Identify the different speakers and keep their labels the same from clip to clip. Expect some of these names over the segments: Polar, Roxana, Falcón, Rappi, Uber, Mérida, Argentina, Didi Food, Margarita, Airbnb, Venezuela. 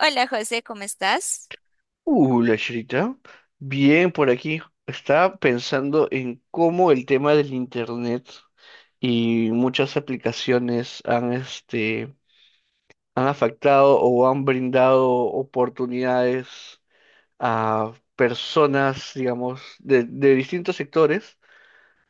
Speaker 1: Hola José, ¿cómo estás?
Speaker 2: La Shrita. Bien, por aquí. Estaba pensando en cómo el tema del internet y muchas aplicaciones han afectado o han brindado oportunidades a personas, digamos, de distintos sectores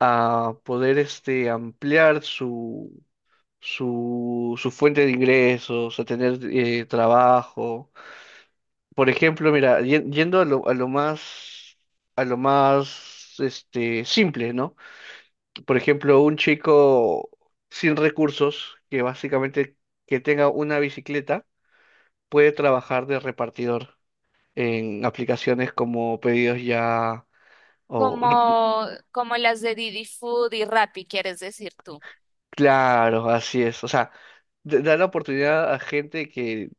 Speaker 2: a poder, ampliar su fuente de ingresos, a tener trabajo. Por ejemplo, mira, yendo a lo más, simple, ¿no? Por ejemplo, un chico sin recursos, que básicamente que tenga una bicicleta, puede trabajar de repartidor en aplicaciones como Pedidos Ya o...
Speaker 1: Como, como las de Didi Food y Rappi, quieres decir tú.
Speaker 2: Claro, así es. O sea, da la oportunidad a gente que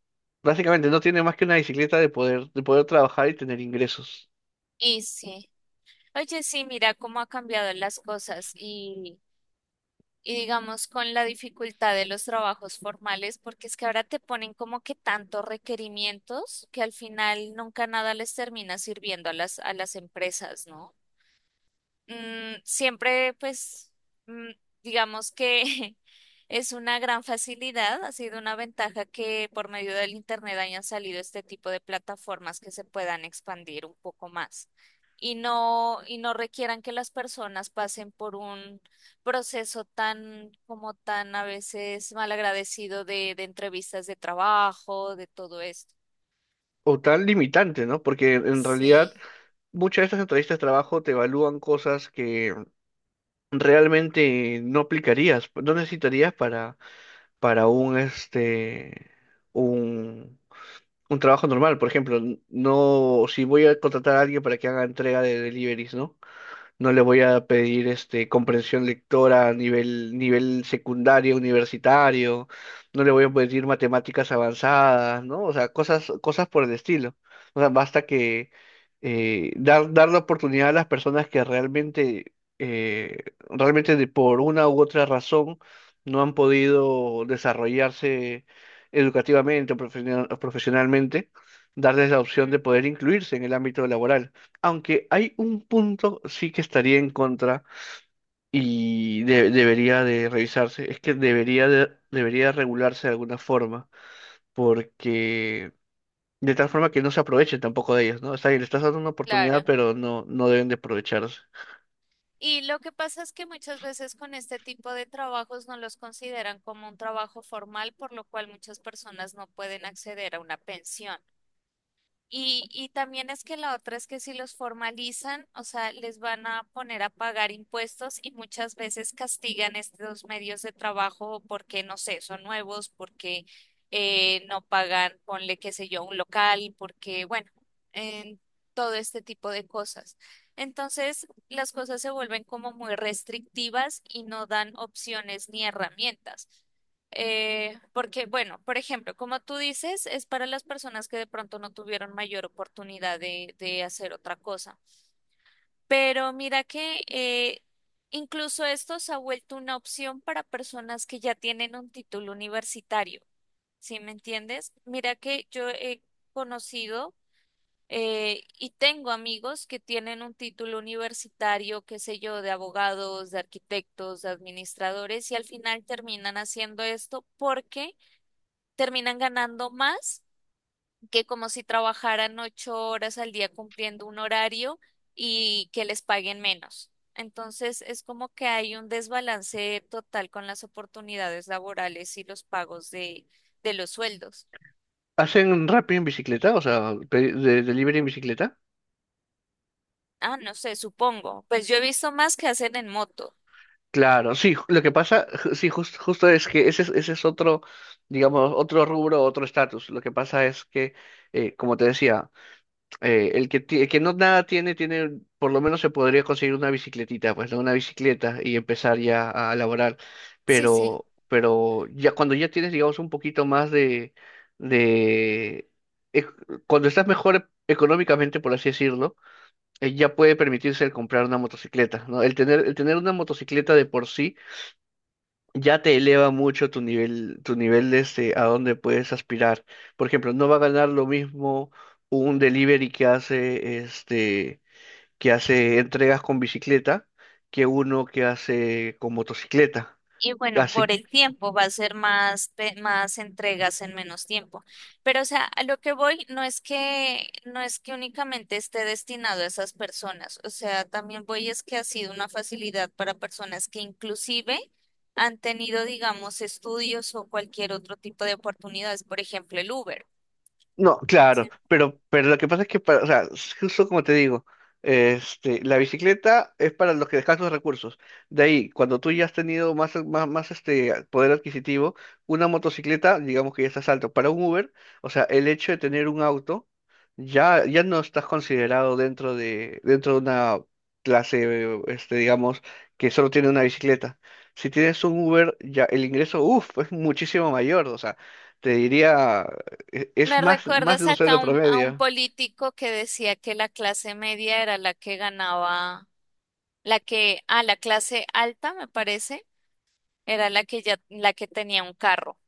Speaker 2: básicamente no tiene más que una bicicleta de poder trabajar y tener ingresos.
Speaker 1: Y sí. Oye, sí, mira cómo ha cambiado las cosas y digamos con la dificultad de los trabajos formales, porque es que ahora te ponen como que tantos requerimientos que al final nunca nada les termina sirviendo a a las empresas, ¿no? Mm, siempre, pues, mm, digamos que es una gran facilidad, ha sido una ventaja que por medio del Internet hayan salido este tipo de plataformas que se puedan expandir un poco más y no requieran que las personas pasen por un proceso tan, como tan a veces malagradecido de entrevistas de trabajo, de todo esto.
Speaker 2: O tan limitante, ¿no? Porque en realidad...
Speaker 1: Sí,
Speaker 2: muchas de estas entrevistas de trabajo te evalúan cosas que realmente no aplicarías, no necesitarías para, para un, este, un, un trabajo normal. Por ejemplo, no, si voy a contratar a alguien para que haga entrega de deliveries, ¿no? No le voy a pedir comprensión lectora a nivel secundario, universitario, no le voy a pedir matemáticas avanzadas, ¿no? O sea, cosas, cosas por el estilo. O sea, basta que dar la oportunidad a las personas que eh, realmente por una u otra razón no han podido desarrollarse educativamente o profesionalmente, darles la opción
Speaker 1: mm,
Speaker 2: de poder incluirse en el ámbito laboral. Aunque hay un punto sí que estaría en contra y debería de revisarse, es que debería regularse de alguna forma, porque de tal forma que no se aprovechen tampoco de ellas, ¿no? O sea, le estás dando una
Speaker 1: claro.
Speaker 2: oportunidad, pero no, no deben de aprovecharse.
Speaker 1: Y lo que pasa es que muchas veces con este tipo de trabajos no los consideran como un trabajo formal, por lo cual muchas personas no pueden acceder a una pensión. Y también es que la otra es que si los formalizan, o sea, les van a poner a pagar impuestos y muchas veces castigan estos medios de trabajo porque, no sé, son nuevos, porque no pagan, ponle, qué sé yo, un local, porque, bueno, en todo este tipo de cosas. Entonces, las cosas se vuelven como muy restrictivas y no dan opciones ni herramientas. Porque, bueno, por ejemplo, como tú dices, es para las personas que de pronto no tuvieron mayor oportunidad de hacer otra cosa. Pero mira que incluso esto se ha vuelto una opción para personas que ya tienen un título universitario, ¿sí me entiendes? Mira que yo he conocido y tengo amigos que tienen un título universitario, qué sé yo, de abogados, de arquitectos, de administradores, y al final terminan haciendo esto porque terminan ganando más que como si trabajaran 8 horas al día cumpliendo un horario y que les paguen menos. Entonces es como que hay un desbalance total con las oportunidades laborales y los pagos de los sueldos.
Speaker 2: ¿Hacen Rappi en bicicleta? O sea, delivery en bicicleta.
Speaker 1: Ah, no sé, supongo. Pues yo he visto más que hacen en moto.
Speaker 2: Claro, sí, lo que pasa, justo es que ese, ese es otro, digamos, otro rubro, otro estatus. Lo que pasa es que como te decía, el que no nada tiene, por lo menos se podría conseguir una bicicletita, pues, ¿no? Una bicicleta y empezar ya a laborar.
Speaker 1: Sí, sí.
Speaker 2: Pero ya cuando ya tienes, digamos, un poquito más de, ec- cuando estás mejor económicamente, por así decirlo, ya puede permitirse el comprar una motocicleta, ¿no? El tener una motocicleta de por sí ya te eleva mucho tu nivel, a dónde puedes aspirar. Por ejemplo, no va a ganar lo mismo un delivery que hace entregas con bicicleta que uno que hace con motocicleta.
Speaker 1: Y bueno, por
Speaker 2: Así.
Speaker 1: el tiempo va a ser más, más entregas en menos tiempo. Pero, o sea, a lo que voy no es que, no es que únicamente esté destinado a esas personas. O sea, también voy es que ha sido una facilidad para personas que inclusive han tenido, digamos, estudios o cualquier otro tipo de oportunidades. Por ejemplo, el Uber.
Speaker 2: No, claro,
Speaker 1: Sí.
Speaker 2: pero lo que pasa es que, o sea, justo como te digo, la bicicleta es para los que escasos recursos. De ahí, cuando tú ya has tenido más, más, más poder adquisitivo, una motocicleta, digamos que ya estás alto. Para un Uber, o sea, el hecho de tener un auto, ya no estás considerado dentro de una clase, digamos, que solo tiene una bicicleta. Si tienes un Uber, ya el ingreso, uff, es muchísimo mayor, o sea. Te diría es
Speaker 1: Me
Speaker 2: más, más de
Speaker 1: recuerdas
Speaker 2: un
Speaker 1: acá a
Speaker 2: sueldo
Speaker 1: a un
Speaker 2: promedio.
Speaker 1: político que decía que la clase media era la que ganaba, la que, a la clase alta, me parece. Era la que ya, la que tenía un carro.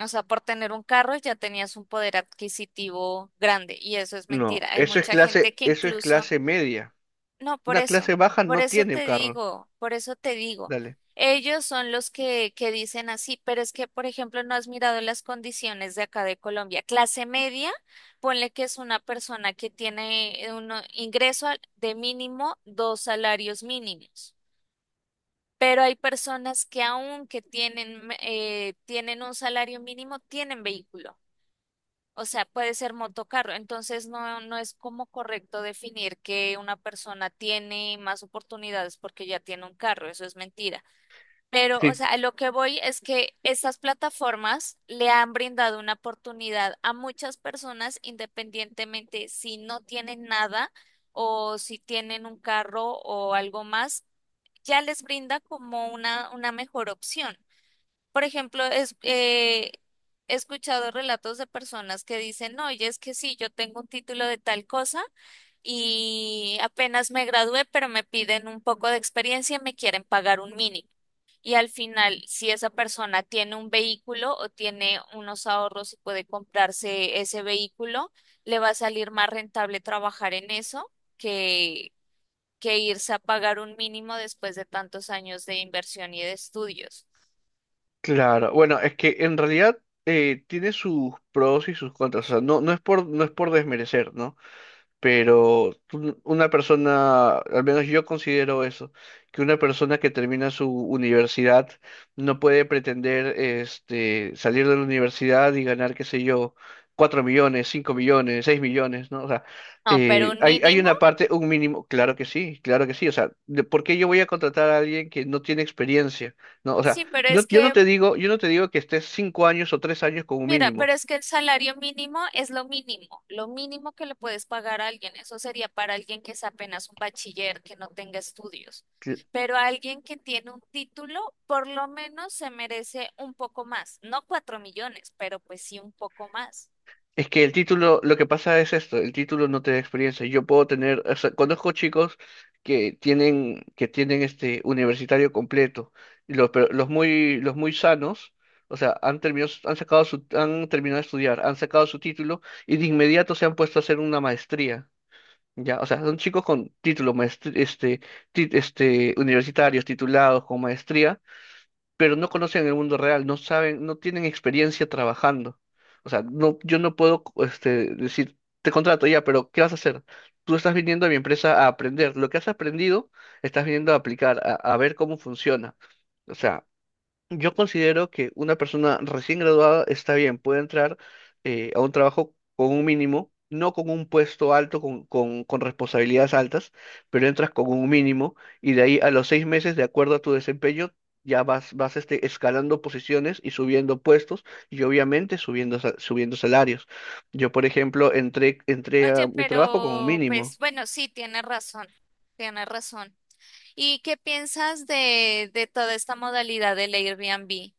Speaker 1: O sea, por tener un carro ya tenías un poder adquisitivo grande y eso es
Speaker 2: No,
Speaker 1: mentira. Hay
Speaker 2: eso es
Speaker 1: mucha gente
Speaker 2: clase,
Speaker 1: que
Speaker 2: eso es
Speaker 1: incluso,
Speaker 2: clase media.
Speaker 1: no,
Speaker 2: Una clase baja
Speaker 1: por
Speaker 2: no
Speaker 1: eso
Speaker 2: tiene
Speaker 1: te
Speaker 2: carro.
Speaker 1: digo, por eso te digo.
Speaker 2: Dale.
Speaker 1: Ellos son los que dicen así, pero es que, por ejemplo, no has mirado las condiciones de acá de Colombia. Clase media, ponle que es una persona que tiene un ingreso de mínimo dos salarios mínimos. Pero hay personas que aunque tienen, tienen un salario mínimo, tienen vehículo. O sea, puede ser motocarro. Entonces, no, no es como correcto definir que una persona tiene más oportunidades porque ya tiene un carro. Eso es mentira. Pero, o
Speaker 2: Sí,
Speaker 1: sea, a lo que voy es que estas plataformas le han brindado una oportunidad a muchas personas independientemente si no tienen nada o si tienen un carro o algo más, ya les brinda como una mejor opción. Por ejemplo, es, he escuchado relatos de personas que dicen, "No, oye, es que sí, yo tengo un título de tal cosa y apenas me gradué, pero me piden un poco de experiencia y me quieren pagar un mínimo. Y al final, si esa persona tiene un vehículo o tiene unos ahorros y puede comprarse ese vehículo, le va a salir más rentable trabajar en eso que irse a pagar un mínimo después de tantos años de inversión y de estudios."
Speaker 2: claro. Bueno, es que en realidad tiene sus pros y sus contras. O sea, no, no es por desmerecer, ¿no? Pero una persona, al menos yo considero eso, que una persona que termina su universidad no puede pretender salir de la universidad y ganar, qué sé yo, 4 millones, 5 millones, 6 millones, ¿no? O sea,
Speaker 1: No, pero un
Speaker 2: hay
Speaker 1: mínimo,
Speaker 2: una parte, un mínimo, claro que sí, o sea, ¿Por qué yo voy a contratar a alguien que no tiene experiencia? ¿No? O sea,
Speaker 1: sí, pero es
Speaker 2: yo no
Speaker 1: que,
Speaker 2: te digo que estés 5 años o 3 años como
Speaker 1: mira,
Speaker 2: mínimo.
Speaker 1: pero es que el salario mínimo es lo mínimo que le puedes pagar a alguien. Eso sería para alguien que es apenas un bachiller, que no tenga estudios. Pero alguien que tiene un título, por lo menos se merece un poco más, no cuatro millones, pero pues sí un poco más.
Speaker 2: Es que el título, lo que pasa es esto, el título no te da experiencia. Yo puedo tener, o sea, conozco chicos que tienen universitario completo, y pero los muy sanos, o sea, han terminado, han sacado su, han terminado de estudiar, han sacado su título y de inmediato se han puesto a hacer una maestría. Ya, o sea, son chicos con títulos, universitarios, titulados, con maestría pero no conocen el mundo real, no saben, no tienen experiencia trabajando. O sea, no, yo no puedo, decir, te contrato ya, pero ¿qué vas a hacer? Tú estás viniendo a mi empresa a aprender. Lo que has aprendido, estás viniendo a aplicar, a ver cómo funciona. O sea, yo considero que una persona recién graduada está bien, puede entrar a un trabajo con un mínimo, no con un puesto alto, con responsabilidades altas, pero entras con un mínimo y de ahí a los 6 meses, de acuerdo a tu desempeño, ya vas escalando posiciones y subiendo puestos y obviamente subiendo salarios. Yo, por ejemplo, entré a
Speaker 1: Oye,
Speaker 2: mi trabajo con un
Speaker 1: pero
Speaker 2: mínimo.
Speaker 1: pues bueno, sí, tiene razón, tiene razón. ¿Y qué piensas de toda esta modalidad del Airbnb,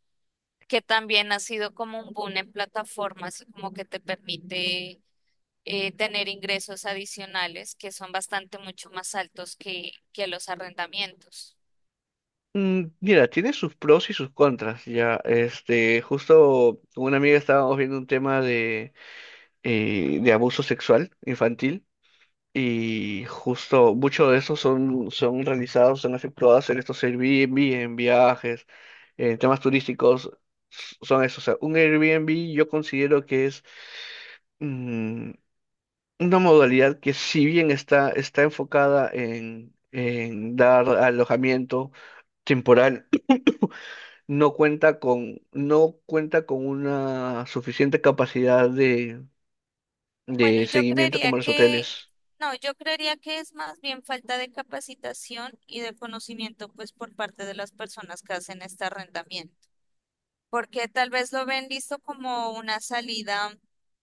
Speaker 1: que también ha sido como un boom en plataformas, como que te permite tener ingresos adicionales que son bastante mucho más altos que los arrendamientos?
Speaker 2: Mira, tiene sus pros y sus contras, ya. Justo con una amiga estábamos viendo un tema de abuso sexual infantil y justo muchos de esos son realizados, son efectuados en estos Airbnb, en viajes, en temas turísticos, son esos. O sea, un Airbnb yo considero que es mm, una modalidad que si bien está enfocada en dar alojamiento temporal, no cuenta con una suficiente capacidad de,
Speaker 1: Bueno,
Speaker 2: de
Speaker 1: yo
Speaker 2: seguimiento
Speaker 1: creería
Speaker 2: como los
Speaker 1: que,
Speaker 2: hoteles.
Speaker 1: no, yo creería que es más bien falta de capacitación y de conocimiento, pues, por parte de las personas que hacen este arrendamiento. Porque tal vez lo ven visto como una salida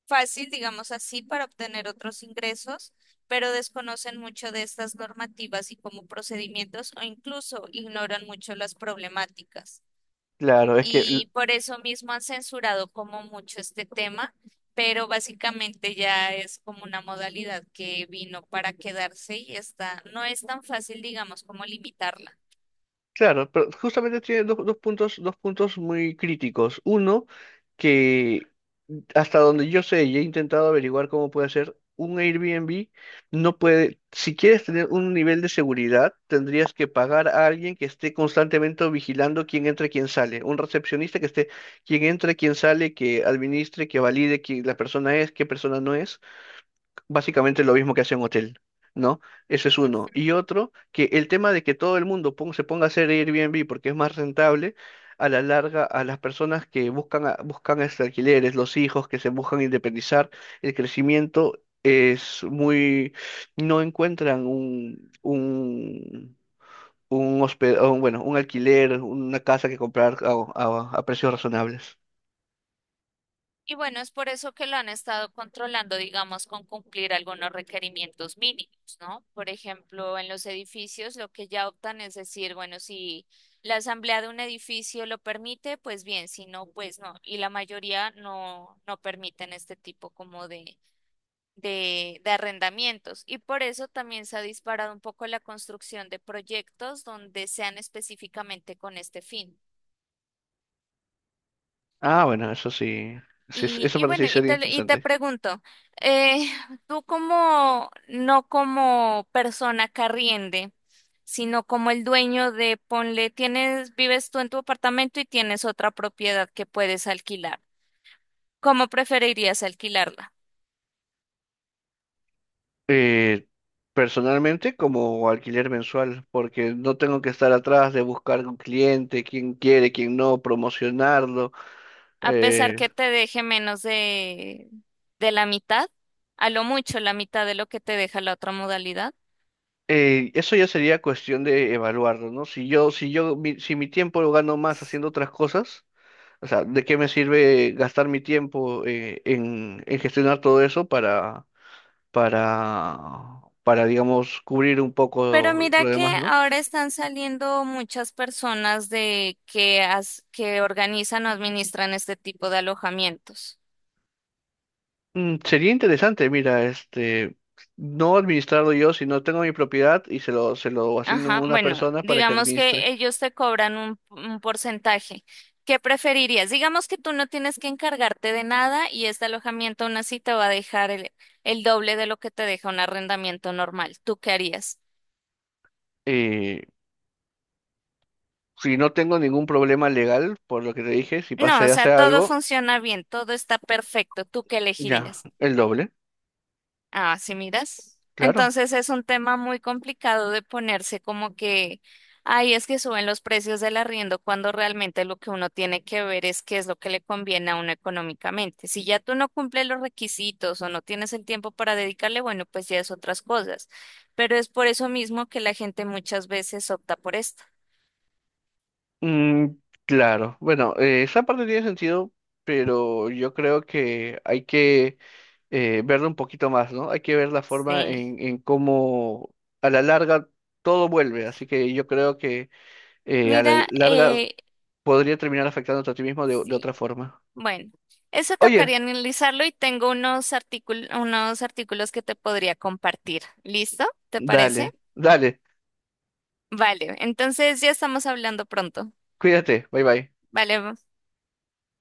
Speaker 1: fácil, digamos así, para obtener otros ingresos, pero desconocen mucho de estas normativas y como procedimientos o incluso ignoran mucho las problemáticas.
Speaker 2: Claro, es que,
Speaker 1: Y por eso mismo han censurado como mucho este tema, pero básicamente ya es como una modalidad que vino para quedarse y está, no es tan fácil, digamos, como limitarla.
Speaker 2: claro, pero justamente tiene dos puntos, dos puntos muy críticos. Uno, que hasta donde yo sé y he intentado averiguar cómo puede ser, un Airbnb no puede, si quieres tener un nivel de seguridad, tendrías que pagar a alguien que esté constantemente vigilando quién entra y quién sale. Un recepcionista que esté, quién entra, quién sale, que administre, que valide quién la persona es, qué persona no es. Básicamente lo mismo que hace un hotel, ¿no? Eso es uno. Y otro, que el tema de que todo el mundo se ponga a hacer Airbnb porque es más rentable, a la larga, a las personas que buscan, buscan alquileres, los hijos que se buscan independizar, el crecimiento es muy, no encuentran un hospe- o un, bueno, un alquiler, una casa que comprar a precios razonables.
Speaker 1: Y bueno, es por eso que lo han estado controlando, digamos, con cumplir algunos requerimientos mínimos, ¿no? Por ejemplo, en los edificios lo que ya optan es decir, bueno, si la asamblea de un edificio lo permite, pues bien, si no, pues no. Y la mayoría no, no permiten este tipo como de, de arrendamientos. Y por eso también se ha disparado un poco la construcción de proyectos donde sean específicamente con este fin.
Speaker 2: Ah, bueno, eso sí, sí,
Speaker 1: Y,
Speaker 2: eso
Speaker 1: y bueno,
Speaker 2: parece ser
Speaker 1: y te
Speaker 2: interesante.
Speaker 1: pregunto, eh, tú como, no como persona carriende, sino como el dueño de, ponle, tienes, vives tú en tu apartamento y tienes otra propiedad que puedes alquilar. ¿Cómo preferirías alquilarla?
Speaker 2: Eh, Personalmente, como alquiler mensual, porque no tengo que estar atrás de buscar un cliente, quién quiere, quién no, promocionarlo.
Speaker 1: A pesar
Speaker 2: eh,
Speaker 1: que te deje menos de la mitad, a lo mucho la mitad de lo que te deja la otra modalidad.
Speaker 2: eso ya sería cuestión de evaluarlo, ¿no? Si yo, si mi tiempo lo gano más haciendo otras cosas, o sea, ¿de qué me sirve gastar mi tiempo en, gestionar todo eso para, para, digamos, cubrir un
Speaker 1: Pero
Speaker 2: poco
Speaker 1: mira
Speaker 2: lo
Speaker 1: que
Speaker 2: demás, ¿no?
Speaker 1: ahora están saliendo muchas personas de que, que organizan o administran este tipo de alojamientos.
Speaker 2: Sería interesante, mira, no administrarlo yo, sino tengo mi propiedad y se lo asigno a
Speaker 1: Ajá,
Speaker 2: una
Speaker 1: bueno,
Speaker 2: persona para que
Speaker 1: digamos
Speaker 2: administre.
Speaker 1: que ellos te cobran un porcentaje. ¿Qué preferirías? Digamos que tú no tienes que encargarte de nada y este alojamiento aún así te va a dejar el doble de lo que te deja un arrendamiento normal. ¿Tú qué harías?
Speaker 2: Eh, si no tengo ningún problema legal, por lo que te dije, si
Speaker 1: No,
Speaker 2: pasa
Speaker 1: o
Speaker 2: y
Speaker 1: sea,
Speaker 2: hace
Speaker 1: todo
Speaker 2: algo,
Speaker 1: funciona bien, todo está perfecto. ¿Tú qué
Speaker 2: ya,
Speaker 1: elegirías?
Speaker 2: el doble,
Speaker 1: Ah, sí, miras.
Speaker 2: claro.
Speaker 1: Entonces es un tema muy complicado de ponerse como que, ay, es que suben los precios del arriendo cuando realmente lo que uno tiene que ver es qué es lo que le conviene a uno económicamente. Si ya tú no cumples los requisitos o no tienes el tiempo para dedicarle, bueno, pues ya es otras cosas. Pero es por eso mismo que la gente muchas veces opta por esto.
Speaker 2: Mm, claro, bueno, esa parte tiene sentido, pero yo creo que hay que verlo un poquito más, ¿no? Hay que ver la forma
Speaker 1: Sí.
Speaker 2: en cómo a la larga todo vuelve, así que yo creo que a la
Speaker 1: Mira,
Speaker 2: larga podría terminar afectándote a ti mismo de
Speaker 1: sí,
Speaker 2: otra forma.
Speaker 1: bueno, eso
Speaker 2: Oye,
Speaker 1: tocaría analizarlo y tengo unos artículos que te podría compartir. ¿Listo? ¿Te parece?
Speaker 2: dale, dale,
Speaker 1: Vale, entonces ya estamos hablando pronto.
Speaker 2: cuídate, bye bye.
Speaker 1: Vale,